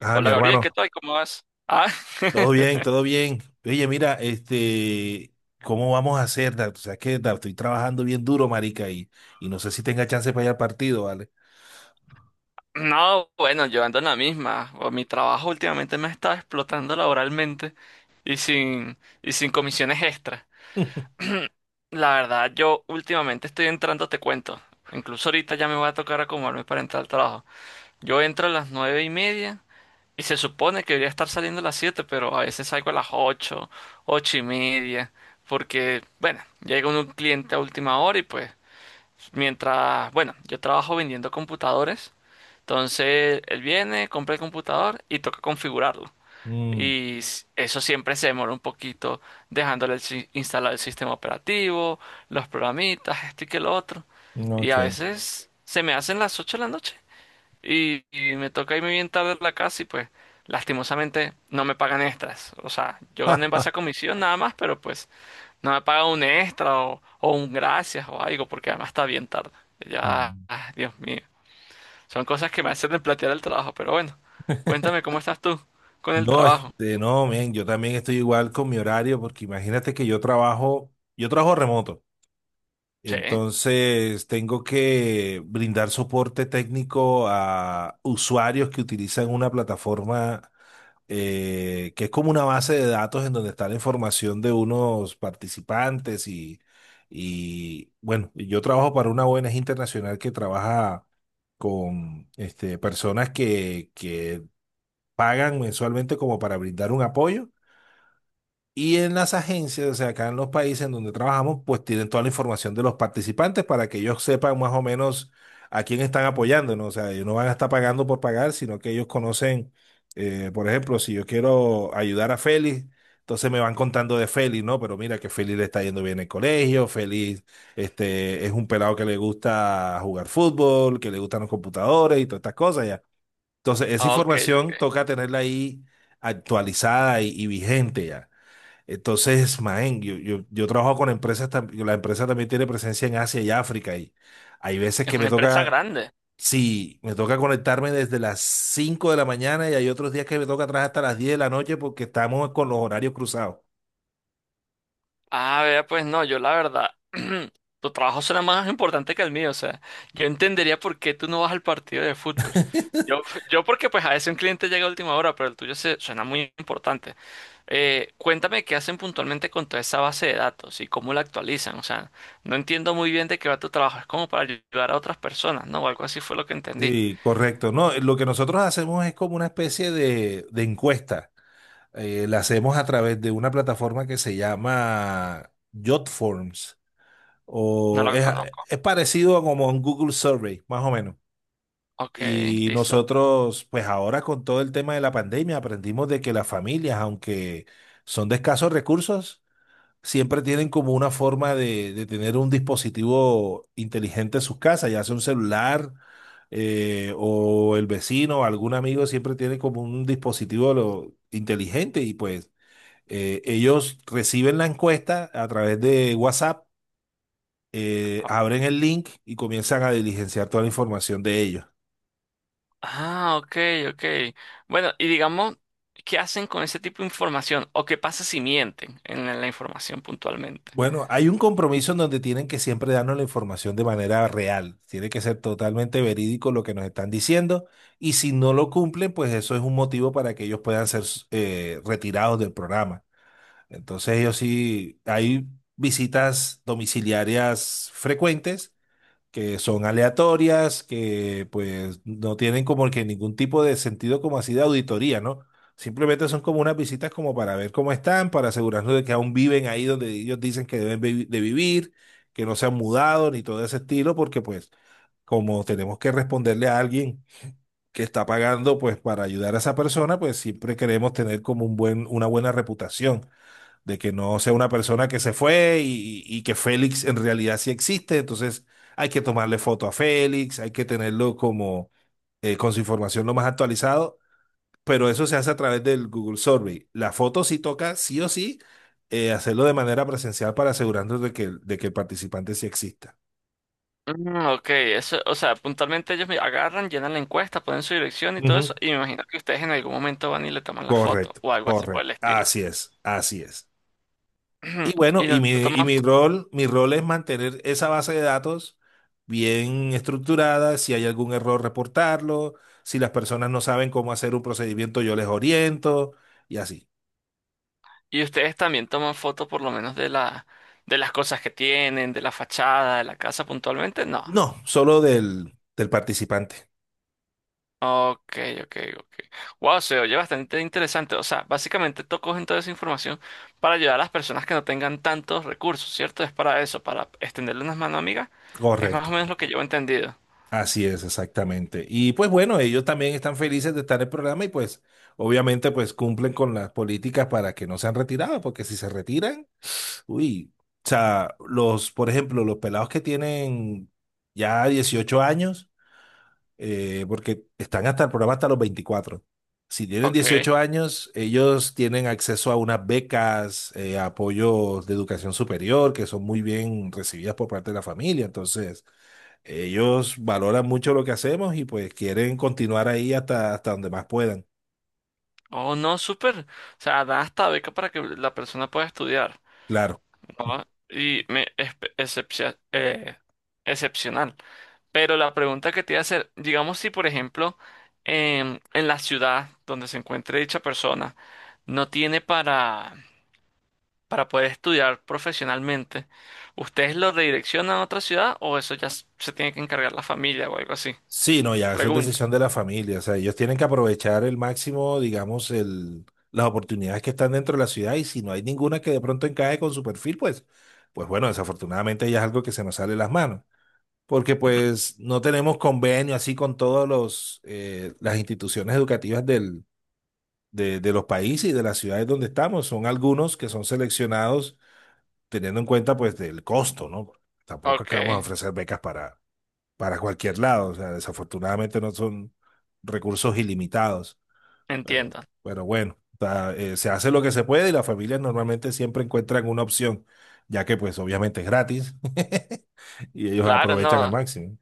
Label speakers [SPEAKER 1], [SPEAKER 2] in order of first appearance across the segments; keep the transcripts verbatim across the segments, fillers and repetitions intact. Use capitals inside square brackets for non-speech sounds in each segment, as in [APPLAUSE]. [SPEAKER 1] Ah, mi
[SPEAKER 2] Hola Gabriel,
[SPEAKER 1] hermano,
[SPEAKER 2] ¿qué tal? ¿Cómo vas? Ah,
[SPEAKER 1] todo bien,
[SPEAKER 2] [LAUGHS]
[SPEAKER 1] todo bien. Oye, mira, este, ¿cómo vamos a hacer? ¿Dar? O sea, que Dar, estoy trabajando bien duro, marica, y, y no sé si tenga chance para ir al partido, ¿vale?
[SPEAKER 2] no, bueno, yo ando en la misma. O mi trabajo últimamente me ha estado explotando laboralmente y sin, y sin comisiones extra.
[SPEAKER 1] [LAUGHS]
[SPEAKER 2] [CLEARS THROAT] La verdad, yo últimamente estoy entrando, te cuento. Incluso ahorita ya me va a tocar acomodarme para entrar al trabajo. Yo entro a las nueve y media y se supone que debería estar saliendo a las siete, pero a veces salgo a las ocho, ocho y media, porque, bueno, llega un cliente a última hora y pues, mientras, bueno, yo trabajo vendiendo computadores, entonces él viene, compra el computador y toca configurarlo.
[SPEAKER 1] Mm,
[SPEAKER 2] Y s- eso siempre se demora un poquito dejándole el si- instalar el sistema operativo, los programitas, esto y que lo otro. Y a
[SPEAKER 1] ok.
[SPEAKER 2] veces se me hacen las ocho de la noche y, y me toca irme bien tarde a la casa y pues lastimosamente no me pagan extras. O sea, yo gano en base a
[SPEAKER 1] [LAUGHS]
[SPEAKER 2] comisión nada más, pero pues no me pagan un extra o, o un gracias o algo, porque además está bien tarde. Ya,
[SPEAKER 1] Mm.
[SPEAKER 2] ah, Dios mío. Son cosas que me hacen replantear el trabajo, pero bueno. Cuéntame cómo estás tú con el
[SPEAKER 1] No,
[SPEAKER 2] trabajo.
[SPEAKER 1] este, no, men, yo también estoy igual con mi horario, porque imagínate que yo trabajo, yo trabajo remoto,
[SPEAKER 2] Sí.
[SPEAKER 1] entonces tengo que brindar soporte técnico a usuarios que utilizan una plataforma. Eh, que es como una base de datos en donde está la información de unos participantes y, y bueno, y yo trabajo para una O N G internacional que trabaja con este, personas que, que pagan mensualmente como para brindar un apoyo y en las agencias, o sea, acá en los países en donde trabajamos, pues tienen toda la información de los participantes para que ellos sepan más o menos a quién están apoyando, ¿no? O sea, ellos no van a estar pagando por pagar, sino que ellos conocen, eh, por ejemplo, si yo quiero ayudar a Félix, entonces me van contando de Félix, ¿no? Pero mira que Félix le está yendo bien en el colegio, Félix, este, es un pelado que le gusta jugar fútbol, que le gustan los computadores y todas estas cosas ya. Entonces, esa
[SPEAKER 2] Ah, ok,
[SPEAKER 1] información
[SPEAKER 2] ok.
[SPEAKER 1] toca tenerla ahí actualizada y y vigente ya. Entonces, man, yo, yo, yo trabajo con empresas, tam- la empresa también tiene presencia en Asia y África y hay veces
[SPEAKER 2] Es
[SPEAKER 1] que me
[SPEAKER 2] una empresa
[SPEAKER 1] toca,
[SPEAKER 2] grande.
[SPEAKER 1] sí, me toca conectarme desde las cinco de la mañana y hay otros días que me toca atrás hasta las diez de la noche porque estamos con los horarios cruzados.
[SPEAKER 2] Ah, vea, pues no, yo la verdad, [CLEARS THROAT] tu trabajo será más importante que el mío, o sea, yo entendería por qué tú no vas al partido de fútbol. Yo, yo porque pues a veces un cliente llega a última hora, pero el tuyo se, suena muy importante. Eh, cuéntame qué hacen puntualmente con toda esa base de datos y cómo la actualizan. O sea, no entiendo muy bien de qué va tu trabajo. Es como para ayudar a otras personas, ¿no? O algo así fue lo que entendí.
[SPEAKER 1] Sí, correcto. No, lo que nosotros hacemos es como una especie de, de encuesta. Eh, la hacemos a través de una plataforma que se llama Jotforms
[SPEAKER 2] No
[SPEAKER 1] o
[SPEAKER 2] la
[SPEAKER 1] es,
[SPEAKER 2] conozco.
[SPEAKER 1] es parecido a como un Google Survey, más o menos.
[SPEAKER 2] Ok,
[SPEAKER 1] Y
[SPEAKER 2] listo.
[SPEAKER 1] nosotros, pues ahora con todo el tema de la pandemia, aprendimos de que las familias, aunque son de escasos recursos, siempre tienen como una forma de, de tener un dispositivo inteligente en sus casas, ya sea un celular, eh, o el vecino o algún amigo, siempre tiene como un dispositivo lo- inteligente y pues eh, ellos reciben la encuesta a través de WhatsApp, eh,
[SPEAKER 2] O-
[SPEAKER 1] abren el link y comienzan a diligenciar toda la información de ellos.
[SPEAKER 2] Ah, ok, ok. Bueno, y digamos, ¿qué hacen con ese tipo de información? ¿O qué pasa si mienten en la la información puntualmente?
[SPEAKER 1] Bueno, hay un compromiso en donde tienen que siempre darnos la información de manera real. Tiene que ser totalmente verídico lo que nos están diciendo. Y si no lo cumplen, pues eso es un motivo para que ellos puedan ser eh, retirados del programa. Entonces, ellos sí, hay visitas domiciliarias frecuentes que son aleatorias, que pues no tienen como que ningún tipo de sentido como así de auditoría, ¿no? Simplemente son como unas visitas como para ver cómo están, para asegurarnos de que aún viven ahí donde ellos dicen que deben vi- de vivir, que no se han mudado ni todo ese estilo, porque pues como tenemos que responderle a alguien que está pagando pues para ayudar a esa persona, pues siempre queremos tener como un buen, una buena reputación de que no sea una persona que se fue y, y que Félix en realidad sí existe. Entonces hay que tomarle foto a Félix, hay que tenerlo como eh, con su información lo más actualizado, pero eso se hace a través del Google Survey. La foto sí toca, sí o sí, eh, hacerlo de manera presencial para asegurarnos de que, el- de que el participante sí exista.
[SPEAKER 2] Mm, ok, eso, o sea, puntualmente ellos me agarran, llenan la encuesta, ponen su dirección y todo
[SPEAKER 1] Ujú.
[SPEAKER 2] eso, y me imagino que ustedes en algún momento van y le toman la foto
[SPEAKER 1] Correcto,
[SPEAKER 2] o algo así por
[SPEAKER 1] correcto.
[SPEAKER 2] el estilo.
[SPEAKER 1] Así es, así es. Y
[SPEAKER 2] [CLEARS THROAT]
[SPEAKER 1] bueno,
[SPEAKER 2] Y
[SPEAKER 1] y
[SPEAKER 2] lo
[SPEAKER 1] mi, y
[SPEAKER 2] toman,
[SPEAKER 1] mi rol, mi rol es mantener esa base de datos bien estructurada, si hay algún error, reportarlo, si las personas no saben cómo hacer un procedimiento, yo les oriento y así.
[SPEAKER 2] y ustedes también toman fotos por lo menos de la, de las cosas que tienen, de la fachada, de la casa puntualmente, no.
[SPEAKER 1] No, solo del, del participante.
[SPEAKER 2] Ok, ok, ok. Wow, se oye bastante interesante. O sea, básicamente tú coges toda esa información para ayudar a las personas que no tengan tantos recursos, ¿cierto? Es para eso, para extenderle unas manos amigas. Es más
[SPEAKER 1] Correcto.
[SPEAKER 2] o menos lo que yo he entendido.
[SPEAKER 1] Así es, exactamente. Y pues bueno, ellos también están felices de estar en el programa y pues obviamente pues cumplen con las políticas para que no sean retirados, porque si se retiran, uy, o sea, los, por ejemplo, los pelados que tienen ya dieciocho años, eh, porque están hasta el programa hasta los veinticuatro. Si tienen
[SPEAKER 2] Ok.
[SPEAKER 1] dieciocho años, ellos tienen acceso a unas becas, eh, apoyos de educación superior, que son muy bien recibidas por parte de la familia. Entonces, ellos valoran mucho lo que hacemos y pues quieren continuar ahí hasta, hasta donde más puedan.
[SPEAKER 2] Oh, no, súper. O sea, da hasta beca para que la persona pueda estudiar,
[SPEAKER 1] Claro.
[SPEAKER 2] ¿no? Y me, es, excepcia- eh, excepcional. Pero la pregunta que te iba a hacer, digamos si por ejemplo em, en la ciudad donde se encuentre dicha persona no tiene para, para poder estudiar profesionalmente, ¿ustedes lo redireccionan a otra ciudad o eso ya s- se tiene que encargar la familia o algo así?
[SPEAKER 1] Sí, no, ya, eso es
[SPEAKER 2] Pregunta.
[SPEAKER 1] decisión de la familia. O sea, ellos tienen que aprovechar el máximo, digamos, el, las oportunidades que están dentro de la ciudad y si no hay ninguna que de pronto encaje con su perfil, pues, pues bueno, desafortunadamente ya es algo que se nos sale de las manos. Porque pues no tenemos convenio así con todos los, eh, las instituciones educativas del, de, de los países y de las ciudades donde estamos. Son algunos que son seleccionados teniendo en cuenta pues del costo, ¿no? Tampoco es
[SPEAKER 2] Ok,
[SPEAKER 1] que vamos a ofrecer becas para para cualquier lado. O sea, desafortunadamente no son recursos ilimitados, pero,
[SPEAKER 2] entiendo.
[SPEAKER 1] pero bueno, o sea, eh, se hace lo que se puede y las familias normalmente siempre encuentran una opción, ya que pues obviamente es gratis [LAUGHS] y ellos
[SPEAKER 2] Claro,
[SPEAKER 1] aprovechan al
[SPEAKER 2] no.
[SPEAKER 1] máximo.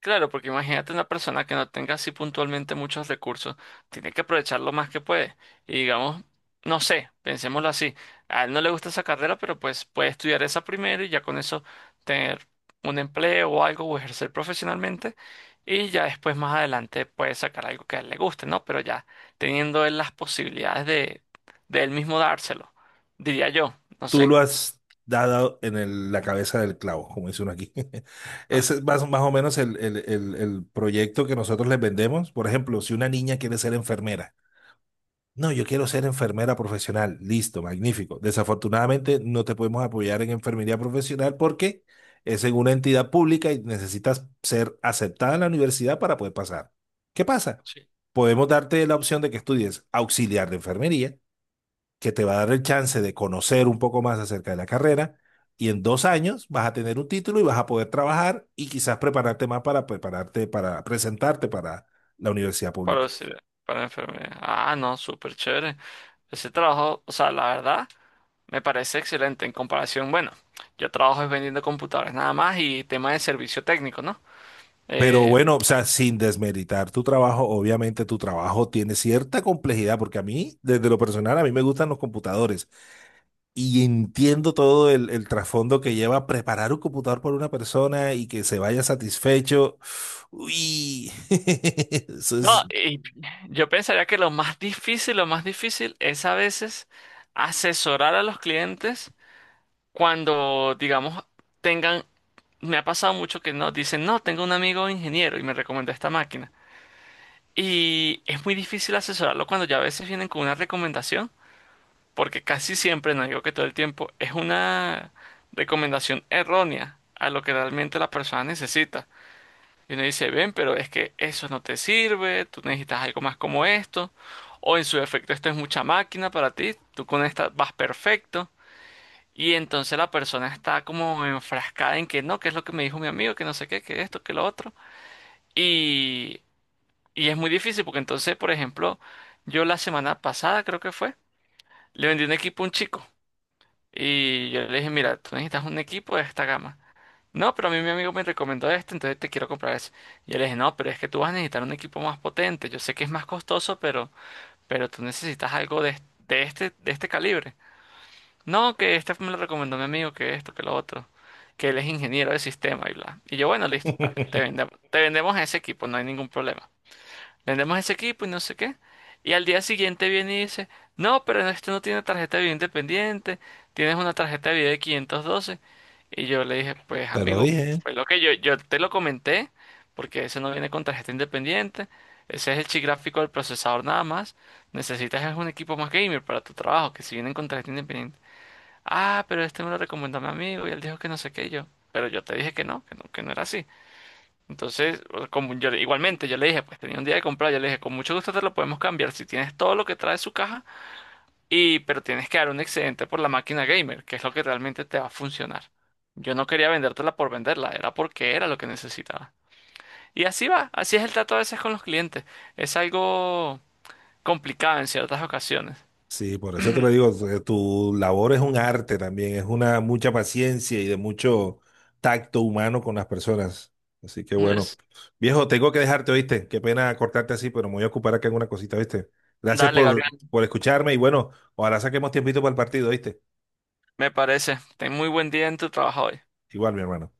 [SPEAKER 2] Claro, porque imagínate una persona que no tenga así puntualmente muchos recursos, tiene que aprovechar lo más que puede. Y digamos, no sé, pensémoslo así, a él no le gusta esa carrera, pero pues puede estudiar esa primero y ya con eso tener un empleo o algo o ejercer profesionalmente y ya después más adelante puede sacar algo que a él le guste, ¿no? Pero ya teniendo él las posibilidades de, de él mismo dárselo, diría yo, no
[SPEAKER 1] Tú
[SPEAKER 2] sé.
[SPEAKER 1] lo has dado en el- la cabeza del clavo, como dice uno aquí. [LAUGHS]
[SPEAKER 2] Ah,
[SPEAKER 1] Ese es más, más o menos el, el el- el proyecto que nosotros les vendemos. Por ejemplo, si una niña quiere ser enfermera. No, yo quiero ser enfermera profesional. Listo, magnífico. Desafortunadamente no te podemos apoyar en enfermería profesional porque es en una entidad pública y necesitas ser aceptada en la universidad para poder pasar. ¿Qué pasa?
[SPEAKER 2] sí.
[SPEAKER 1] Podemos darte la opción de que estudies auxiliar de enfermería, que te va a dar el chance de conocer un poco más acerca de la carrera y en dos años vas a tener un título y vas a poder trabajar y quizás prepararte más para prepararte, para presentarte para la universidad
[SPEAKER 2] Para,
[SPEAKER 1] pública.
[SPEAKER 2] para enfermedad. Ah, no, súper chévere. Ese trabajo, o sea, la verdad, me parece excelente en comparación. Bueno, yo trabajo es vendiendo computadores nada más y tema de servicio técnico, ¿no?
[SPEAKER 1] Pero
[SPEAKER 2] Eh,
[SPEAKER 1] bueno, o sea, sin desmeritar tu trabajo, obviamente tu trabajo tiene cierta complejidad, porque a mí, desde lo personal, a mí me gustan los computadores y entiendo todo el, el trasfondo que lleva preparar un computador por una persona y que se vaya satisfecho. Uy, [LAUGHS] eso
[SPEAKER 2] no,
[SPEAKER 1] es...
[SPEAKER 2] y yo pensaría que lo más difícil, lo más difícil es a veces asesorar a los clientes cuando, digamos, tengan, me ha pasado mucho que no, dicen, no, tengo un amigo ingeniero y me recomendó esta máquina. Y es muy difícil asesorarlo cuando ya a veces vienen con una recomendación porque casi siempre, no digo que todo el tiempo, es una recomendación errónea a lo que realmente la persona necesita. Y uno dice, ven, pero es que eso no te sirve, tú necesitas algo más como esto, o en su defecto esto es mucha máquina para ti, tú con esta vas perfecto. Y entonces la persona está como enfrascada en que no, que es lo que me dijo mi amigo, que no sé qué, que esto, que lo otro. Y, y es muy difícil porque entonces, por ejemplo, yo la semana pasada creo que fue, le vendí un equipo a un chico. Y yo le dije, mira, tú necesitas un equipo de esta gama. No, pero a mí mi amigo me recomendó este, entonces te quiero comprar ese. Y yo le dije, no, pero es que tú vas a necesitar un equipo más potente. Yo sé que es más costoso, pero, pero tú necesitas algo de, de este, de este calibre. No, que este me lo recomendó mi amigo, que esto, que lo otro. Que él es ingeniero de sistema y bla. Y yo, bueno, listo, dale, te
[SPEAKER 1] [LAUGHS]
[SPEAKER 2] vendemos, te vendemos ese equipo, no hay ningún problema, vendemos ese equipo y no sé qué. Y al día siguiente viene y dice, no, pero este no tiene tarjeta de video independiente, tienes una tarjeta de video de quinientos doce. Y yo le dije, pues
[SPEAKER 1] Te lo
[SPEAKER 2] amigo,
[SPEAKER 1] dije.
[SPEAKER 2] fue lo que yo, yo te lo comenté, porque ese no viene con tarjeta independiente, ese es el chip gráfico del procesador nada más, necesitas es un equipo más gamer para tu trabajo, que si vienen con tarjeta independiente. Ah, pero este me lo recomendó mi amigo y él dijo que no sé qué y yo, pero yo te dije que no, que no, que no era así. Entonces, como yo, igualmente, yo le dije, pues tenía un día de comprar, yo le dije, con mucho gusto te lo podemos cambiar si tienes todo lo que trae su caja, y, pero tienes que dar un excedente por la máquina gamer, que es lo que realmente te va a funcionar. Yo no quería vendértela por venderla, era porque era lo que necesitaba. Y así va, así es el trato a veces con los clientes. Es algo complicado en ciertas ocasiones.
[SPEAKER 1] Sí, por eso te lo digo, tu tu labor es un arte también, es una mucha paciencia y de mucho tacto humano con las personas. Así que bueno,
[SPEAKER 2] Es-
[SPEAKER 1] viejo, tengo que dejarte, ¿oíste? Qué pena cortarte así, pero me voy a ocupar acá en una cosita, ¿viste? Gracias
[SPEAKER 2] Dale,
[SPEAKER 1] por,
[SPEAKER 2] Gabriel,
[SPEAKER 1] por escucharme y bueno, ojalá saquemos tiempito para el partido, ¿oíste?
[SPEAKER 2] me parece. Ten muy buen día en tu trabajo hoy.
[SPEAKER 1] Igual, mi hermano.